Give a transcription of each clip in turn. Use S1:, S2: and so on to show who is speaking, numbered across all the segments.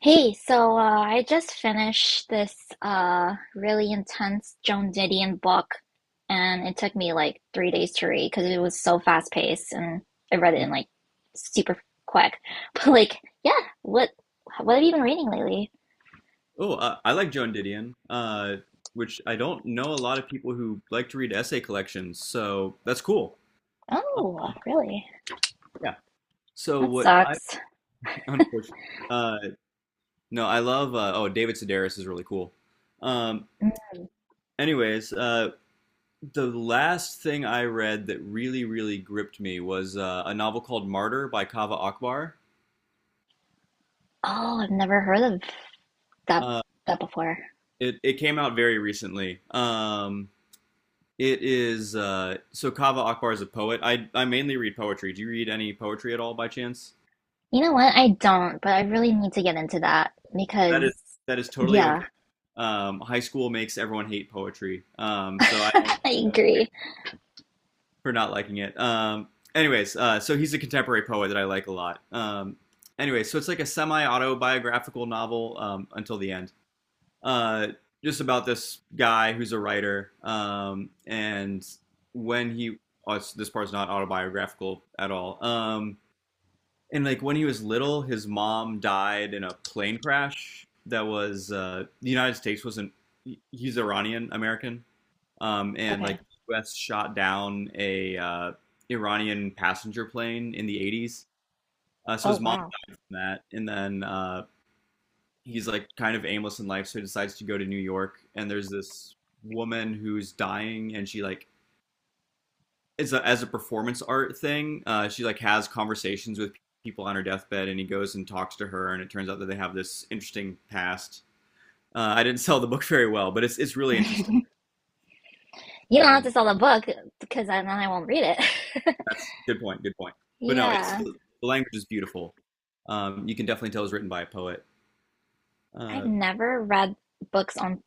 S1: Hey, I just finished this really intense Joan Didion book, and it took me like 3 days to read because it was so fast paced, and I read it
S2: Mm.
S1: in like super quick. But like, yeah, what have you been reading lately?
S2: Oh, I like Joan Didion, which I don't know a lot of people who like to read essay collections, so that's cool. Um,
S1: Oh, really?
S2: yeah. So
S1: That
S2: what I
S1: sucks.
S2: unfortunately uh, no, I love oh, David Sedaris is really cool. Um,
S1: Mm.
S2: anyways, uh, the last thing I read that really really gripped me was a novel called Martyr by Kaveh Akbar.
S1: Oh, I've never heard of that
S2: Uh,
S1: that before.
S2: it came out very recently. It is so Kava Akbar is a poet. I mainly read poetry. Do you read any poetry at all by chance?
S1: You know what? I don't, but I really need to get into that
S2: That
S1: because,
S2: is that is totally
S1: yeah,
S2: okay. High school makes everyone hate poetry. So I don't
S1: I agree.
S2: for not liking it. So he's a contemporary poet that I like a lot. So it's like a semi-autobiographical novel until the end. Uh, just about this guy who's a writer, and when he oh, this part's not autobiographical at all. And like when he was little, his mom died in a plane crash that was the United States wasn't. He's Iranian American, and like
S1: Okay.
S2: the U.S. shot down a Iranian passenger plane in the 80s. So
S1: Oh,
S2: his mom
S1: wow.
S2: died from that, and then he's like kind of aimless in life, so he decides to go to New York. And there's this woman who's dying, and she like as a performance art thing. She like has conversations with people on her deathbed, and he goes and talks to her, and it turns out that they have this interesting past. I didn't sell the book very well, but it's really interesting.
S1: You don't have
S2: Um,
S1: to sell the book because then I won't read it.
S2: that's good point. Good point. But no, it's
S1: Yeah,
S2: the language is beautiful. You can definitely tell it's written by a poet.
S1: I've
S2: Uh,
S1: never read books on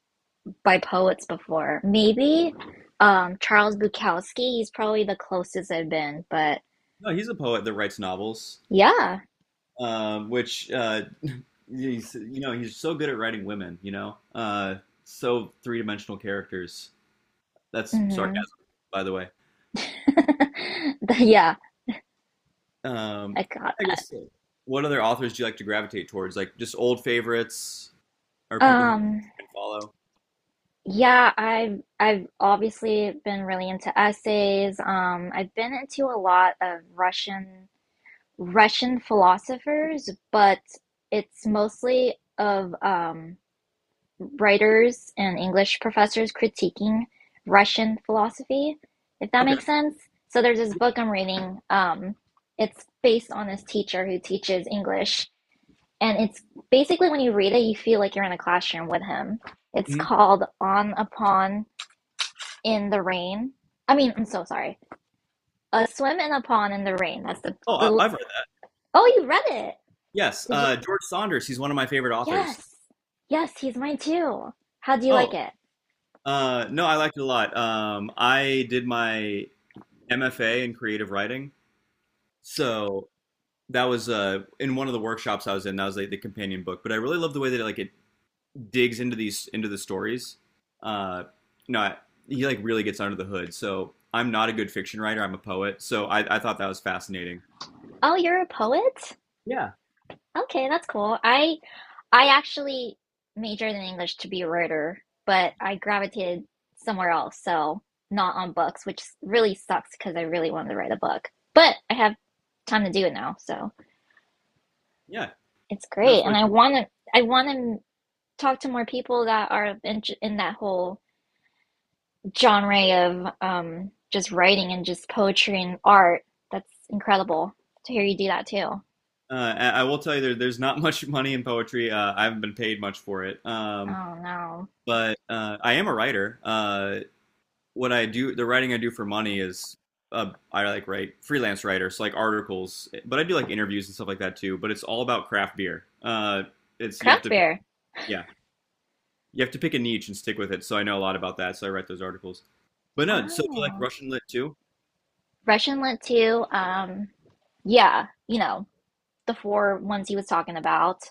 S1: by poets before. Maybe Charles Bukowski, he's probably the closest I've been, but
S2: no, he's a poet that writes novels,
S1: yeah.
S2: which he's you know he's so good at writing women. You know, so three dimensional characters. That's
S1: Hmm.
S2: sarcasm, by the way.
S1: Yeah,
S2: Um,
S1: I got
S2: I
S1: that.
S2: guess what other authors do you like to gravitate towards? Like just old favorites or people who
S1: Um
S2: you follow?
S1: yeah, I've obviously been really into essays. I've been into a lot of Russian philosophers, but it's mostly of writers and English professors critiquing Russian philosophy, if that
S2: Okay.
S1: makes sense. So there's this
S2: Yeah.
S1: book I'm reading. It's based on this teacher who teaches English, and it's basically when you read it, you feel like you're in a classroom with him. It's
S2: Mhm.
S1: called On a Pond in the Rain. I mean, I'm so sorry. A swim in a pond in the rain. That's the
S2: Oh,
S1: the.
S2: I've read that.
S1: Oh, you read it?
S2: Yes.
S1: Did you?
S2: George Saunders. He's one of my favorite authors.
S1: Yes, yes. He's mine too. How do you like
S2: Oh,
S1: it?
S2: no, I liked it a lot. I did my MFA in creative writing. So that was in one of the workshops I was in. That was like the companion book. But I really love the way that it digs into these into the stories, uh, you know, he like really gets under the hood. So I'm not a good fiction writer. I'm a poet. So I thought that was fascinating.
S1: Oh, you're a poet?
S2: Yeah,
S1: Okay, that's cool. I actually majored in English to be a writer, but I gravitated somewhere else, so not on books, which really sucks because I really wanted to write a book. But I have time to do it now, so
S2: yeah,
S1: it's great.
S2: that's
S1: And
S2: what.
S1: I want to I want to talk to more people that are in that whole genre of just writing and just poetry and art. That's incredible to hear you do that too.
S2: I will tell you, there's not much money in poetry. I haven't been paid much for it.
S1: Oh no,
S2: But I am a writer. What I do, the writing I do for money is I like write freelance writers so like articles, but I do like interviews and stuff like that too. But it's all about craft beer. It's You have
S1: craft
S2: to,
S1: beer.
S2: yeah. You have to pick a niche and stick with it. So I know a lot about that. So I write those articles. But no, so you like
S1: Oh.
S2: Russian lit too?
S1: Russian Lit too. Yeah, you know, the four ones he was talking about.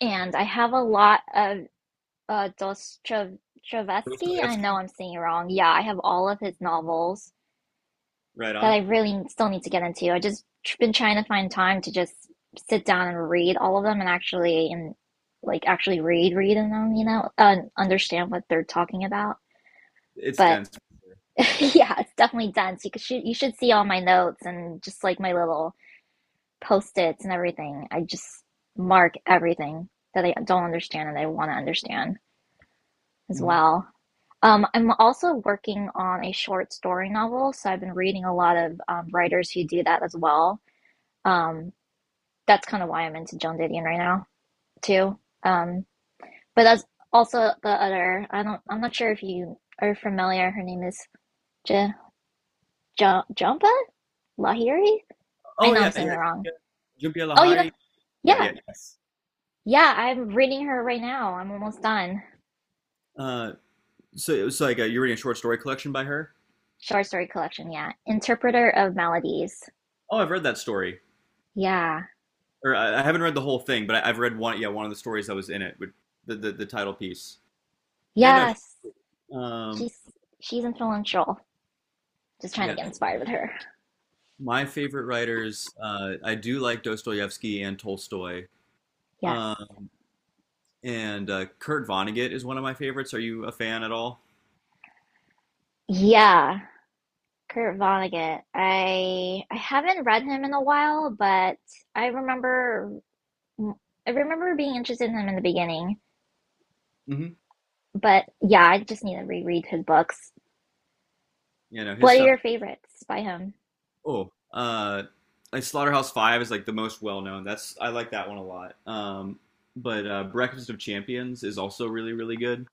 S1: And I have a lot of Dostoevsky. I know
S2: Dostoevsky?
S1: I'm saying it wrong. Yeah, I have all of his novels
S2: Right
S1: that
S2: on.
S1: I really still need to get into. I just been trying to find time to just sit down and read all of them and actually and like actually read in them, you know, and understand what they're talking about.
S2: It's
S1: But
S2: dense.
S1: yeah, it's definitely dense. You should see all my notes and just like my little post-its and everything. I just mark everything that I don't understand and I want to understand as
S2: Mhm.
S1: well. I'm also working on a short story novel, so I've been reading a lot of writers who do that as well. Um, that's kind of why I'm into Joan Didion right now too. But that's also the other. I don't. I'm not sure if you are familiar. Her name is J- Jumpa Lahiri. I
S2: Oh
S1: know I'm
S2: yeah,
S1: saying it wrong.
S2: yeah. Jhumpa
S1: Oh, you know,
S2: Lahiri, yeah,
S1: yeah,
S2: yeah. Yes.
S1: yeah. I'm reading her right now. I'm almost done.
S2: Uh, so it was like you're reading a short story collection by her.
S1: Short story collection, yeah. Interpreter of Maladies.
S2: Oh, I've read that story,
S1: Yeah.
S2: or I haven't read the whole thing, but I've read one. Yeah, one of the stories that was in it with the title piece. Yeah, no.
S1: Yes.
S2: Um,
S1: She's she's influential. Just trying to
S2: yeah,
S1: get inspired with her.
S2: my favorite writers. I do like Dostoevsky and Tolstoy.
S1: Yes.
S2: Um, and Kurt Vonnegut is one of my favorites. Are you a fan at all?
S1: Yeah. Kurt Vonnegut. I haven't read him in a while, but I remember I remember being interested in him in the beginning.
S2: Mhm.
S1: But yeah, I just need to reread his books.
S2: You know his
S1: What are
S2: stuff.
S1: your favorites by him?
S2: Oh, uh, like Slaughterhouse Five is like the most well known. That's I like that one a lot. But Breakfast of Champions is also really really good.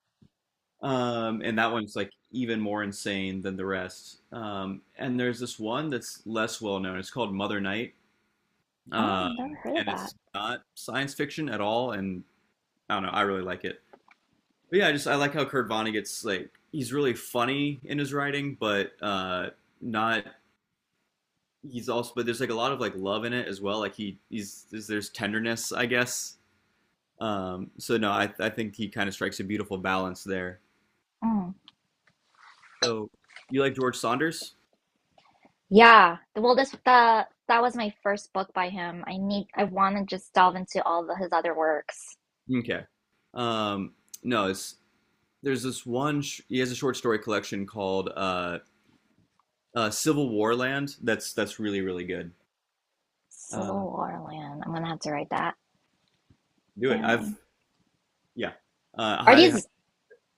S2: And that one's like even more insane than the rest. And there's this one that's less well known. It's called Mother Night,
S1: Oh,
S2: um,
S1: never heard of
S2: and
S1: that.
S2: it's not science fiction at all. And I don't know. I really like it. But yeah, I just I like how Kurt Vonnegut's like he's really funny in his writing, but not he's also but there's like a lot of like love in it as well. Like he he's there's tenderness, I guess. So no, I think he kind of strikes a beautiful balance there.
S1: Oh.
S2: So you like George Saunders?
S1: Yeah, well, this the that was my first book by him. I want to just delve into all his other works.
S2: Okay. Um no, it's there's this one he has a short story collection called Civil War Land that's really really good. Uh
S1: Civil War Land. I'm gonna have to write that
S2: do it. I've
S1: down.
S2: yeah.
S1: Are
S2: Highly highly
S1: these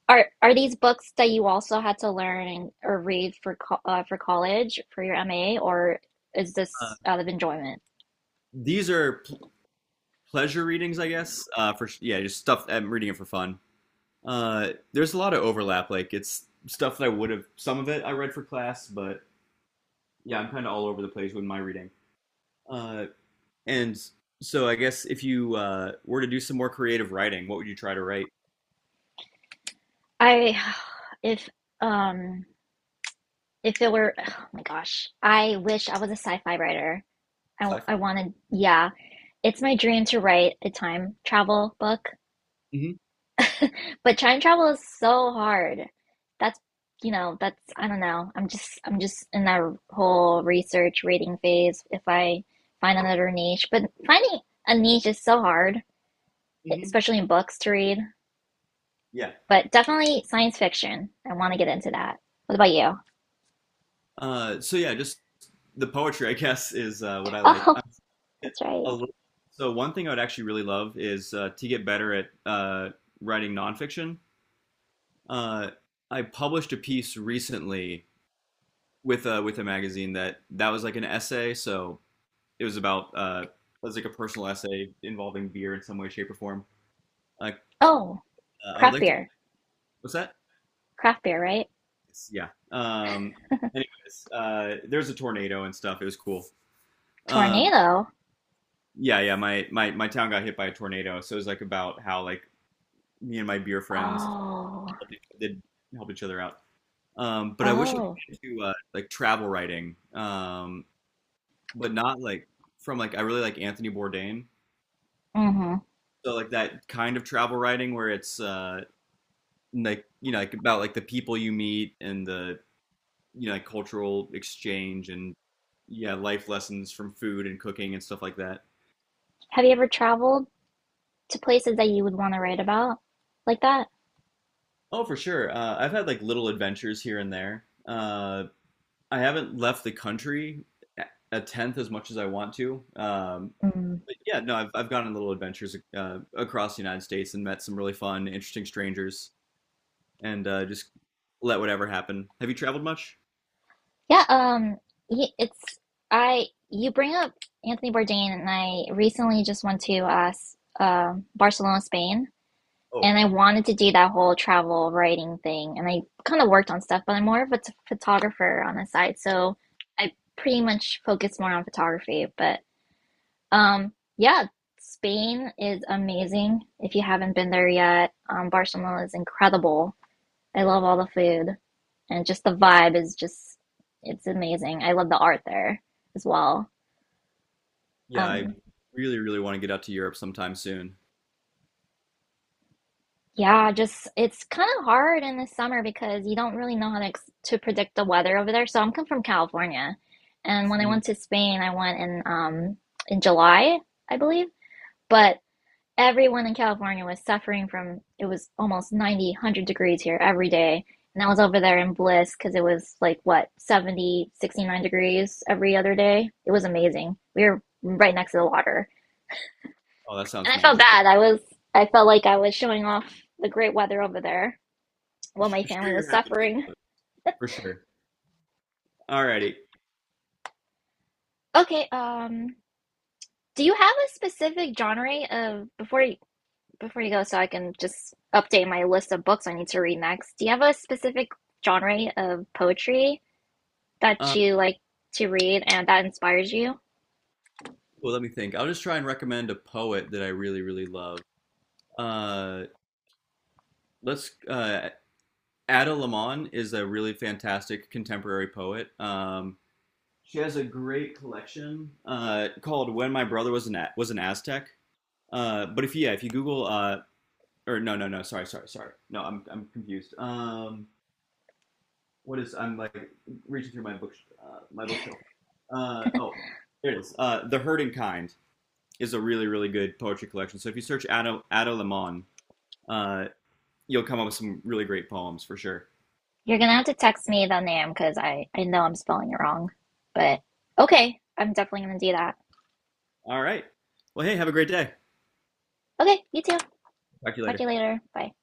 S1: are these books that you also had to learn or read for co for college for your MA, or is
S2: uh,
S1: this out of enjoyment?
S2: these are pleasure readings, I guess. For Yeah, just stuff. I'm reading it for fun. There's a lot of overlap. Like it's stuff that I would have. Some of it I read for class, but yeah, I'm kind of all over the place with my reading. Uh, and So I guess if you were to do some more creative writing, what would you try to write?
S1: I if um if it were oh my gosh, I wish I was a sci-fi writer. I
S2: Sci-fi.
S1: wanted yeah, it's my dream to write a time travel book.
S2: Hmm.
S1: But time travel is so hard. That's, you know, that's, I don't know. I'm just in that whole research reading phase if I find another niche. But finding a niche is so hard,
S2: Hmm.
S1: especially in books to read.
S2: Yeah.
S1: But definitely science fiction. I want to get into that. What about you?
S2: So yeah, just the poetry, I guess, is what I like.
S1: Oh,
S2: I get
S1: that's right.
S2: a little- So one thing I would actually really love is to get better at writing nonfiction. uh, I published a piece recently with a magazine that was like an essay. So it was about it was like a personal essay involving beer in some way, shape, or form. Like
S1: Oh,
S2: I would
S1: craft
S2: like to.
S1: beer.
S2: What's that?
S1: Craft beer, right?
S2: Yeah. There's a tornado and stuff. It was cool. Um.
S1: Tornado?
S2: Yeah, yeah. My town got hit by a tornado, so it was like about how like me and my beer friends
S1: Oh,
S2: did help each other out. But I wish I could
S1: oh.
S2: get to like travel writing. But not like from like I really like Anthony Bourdain.
S1: Mm-hmm.
S2: So like that kind of travel writing where it's like you know like about like the people you meet and the you know, like cultural exchange and yeah, life lessons from food and cooking and stuff like that.
S1: Have you ever traveled to places that you would want to write about like that?
S2: Oh, for sure. I've had like little adventures here and there. I haven't left the country a a tenth as much as I want to.
S1: Mm.
S2: But yeah, no, I've gone on little adventures across the United States and met some really fun, interesting strangers. And just let whatever happen. Have you traveled much?
S1: Yeah, y- it's I. You bring up Anthony Bourdain, and I recently just went to Barcelona, Spain,
S2: Oh,
S1: and I wanted to do that whole travel writing thing, and I kind of worked on stuff, but I'm more of a photographer on the side, so I pretty much focus more on photography. But yeah, Spain is amazing. If you haven't been there yet, Barcelona is incredible. I love all the food, and just the vibe is just it's amazing. I love the art there as well.
S2: yeah, I
S1: Um,
S2: really, really want to get out to Europe sometime soon.
S1: yeah, just it's kind of hard in the summer because you don't really know how to ex to predict the weather over there. So I'm come from California, and when I went
S2: Mhm.
S1: to Spain, I went in July, I believe. But everyone in California was suffering from it was almost 90, 100 degrees here every day. And I was over there in bliss because it was like what, 70, 69 degrees every other day. It was amazing. We were right next to the water.
S2: Oh, that
S1: And
S2: sounds
S1: I felt
S2: magical.
S1: bad. I felt like I was showing off the great weather over there while my
S2: Share
S1: family was
S2: your happiness
S1: suffering.
S2: with us, for sure. Alrighty.
S1: Okay, do you have a specific genre of before you go so I can just update my list of books I need to read next? Do you have a specific genre of poetry that
S2: Um,
S1: you like to read and that inspires you?
S2: well, let me think. I'll just try and recommend a poet that I really, really love. Uh, let's. Ada Limon is a really fantastic contemporary poet. She has a great collection called "When My Brother Was Was an Aztec." But if Yeah, if you Google or no, no, no. Sorry, sorry, sorry. No, I'm confused. What is? I'm like reaching through my bookshelf. Oh, there it is. The Herding Kind is a really really good poetry collection. So if you search Ado Lemon, uh, you'll come up with some really great poems for sure.
S1: You're gonna have to text me the name because I know I'm spelling it wrong. But okay, I'm definitely gonna do that.
S2: All right. Well, hey, have a great day.
S1: Okay, you too.
S2: Talk to you
S1: Talk to
S2: later.
S1: you later. Bye.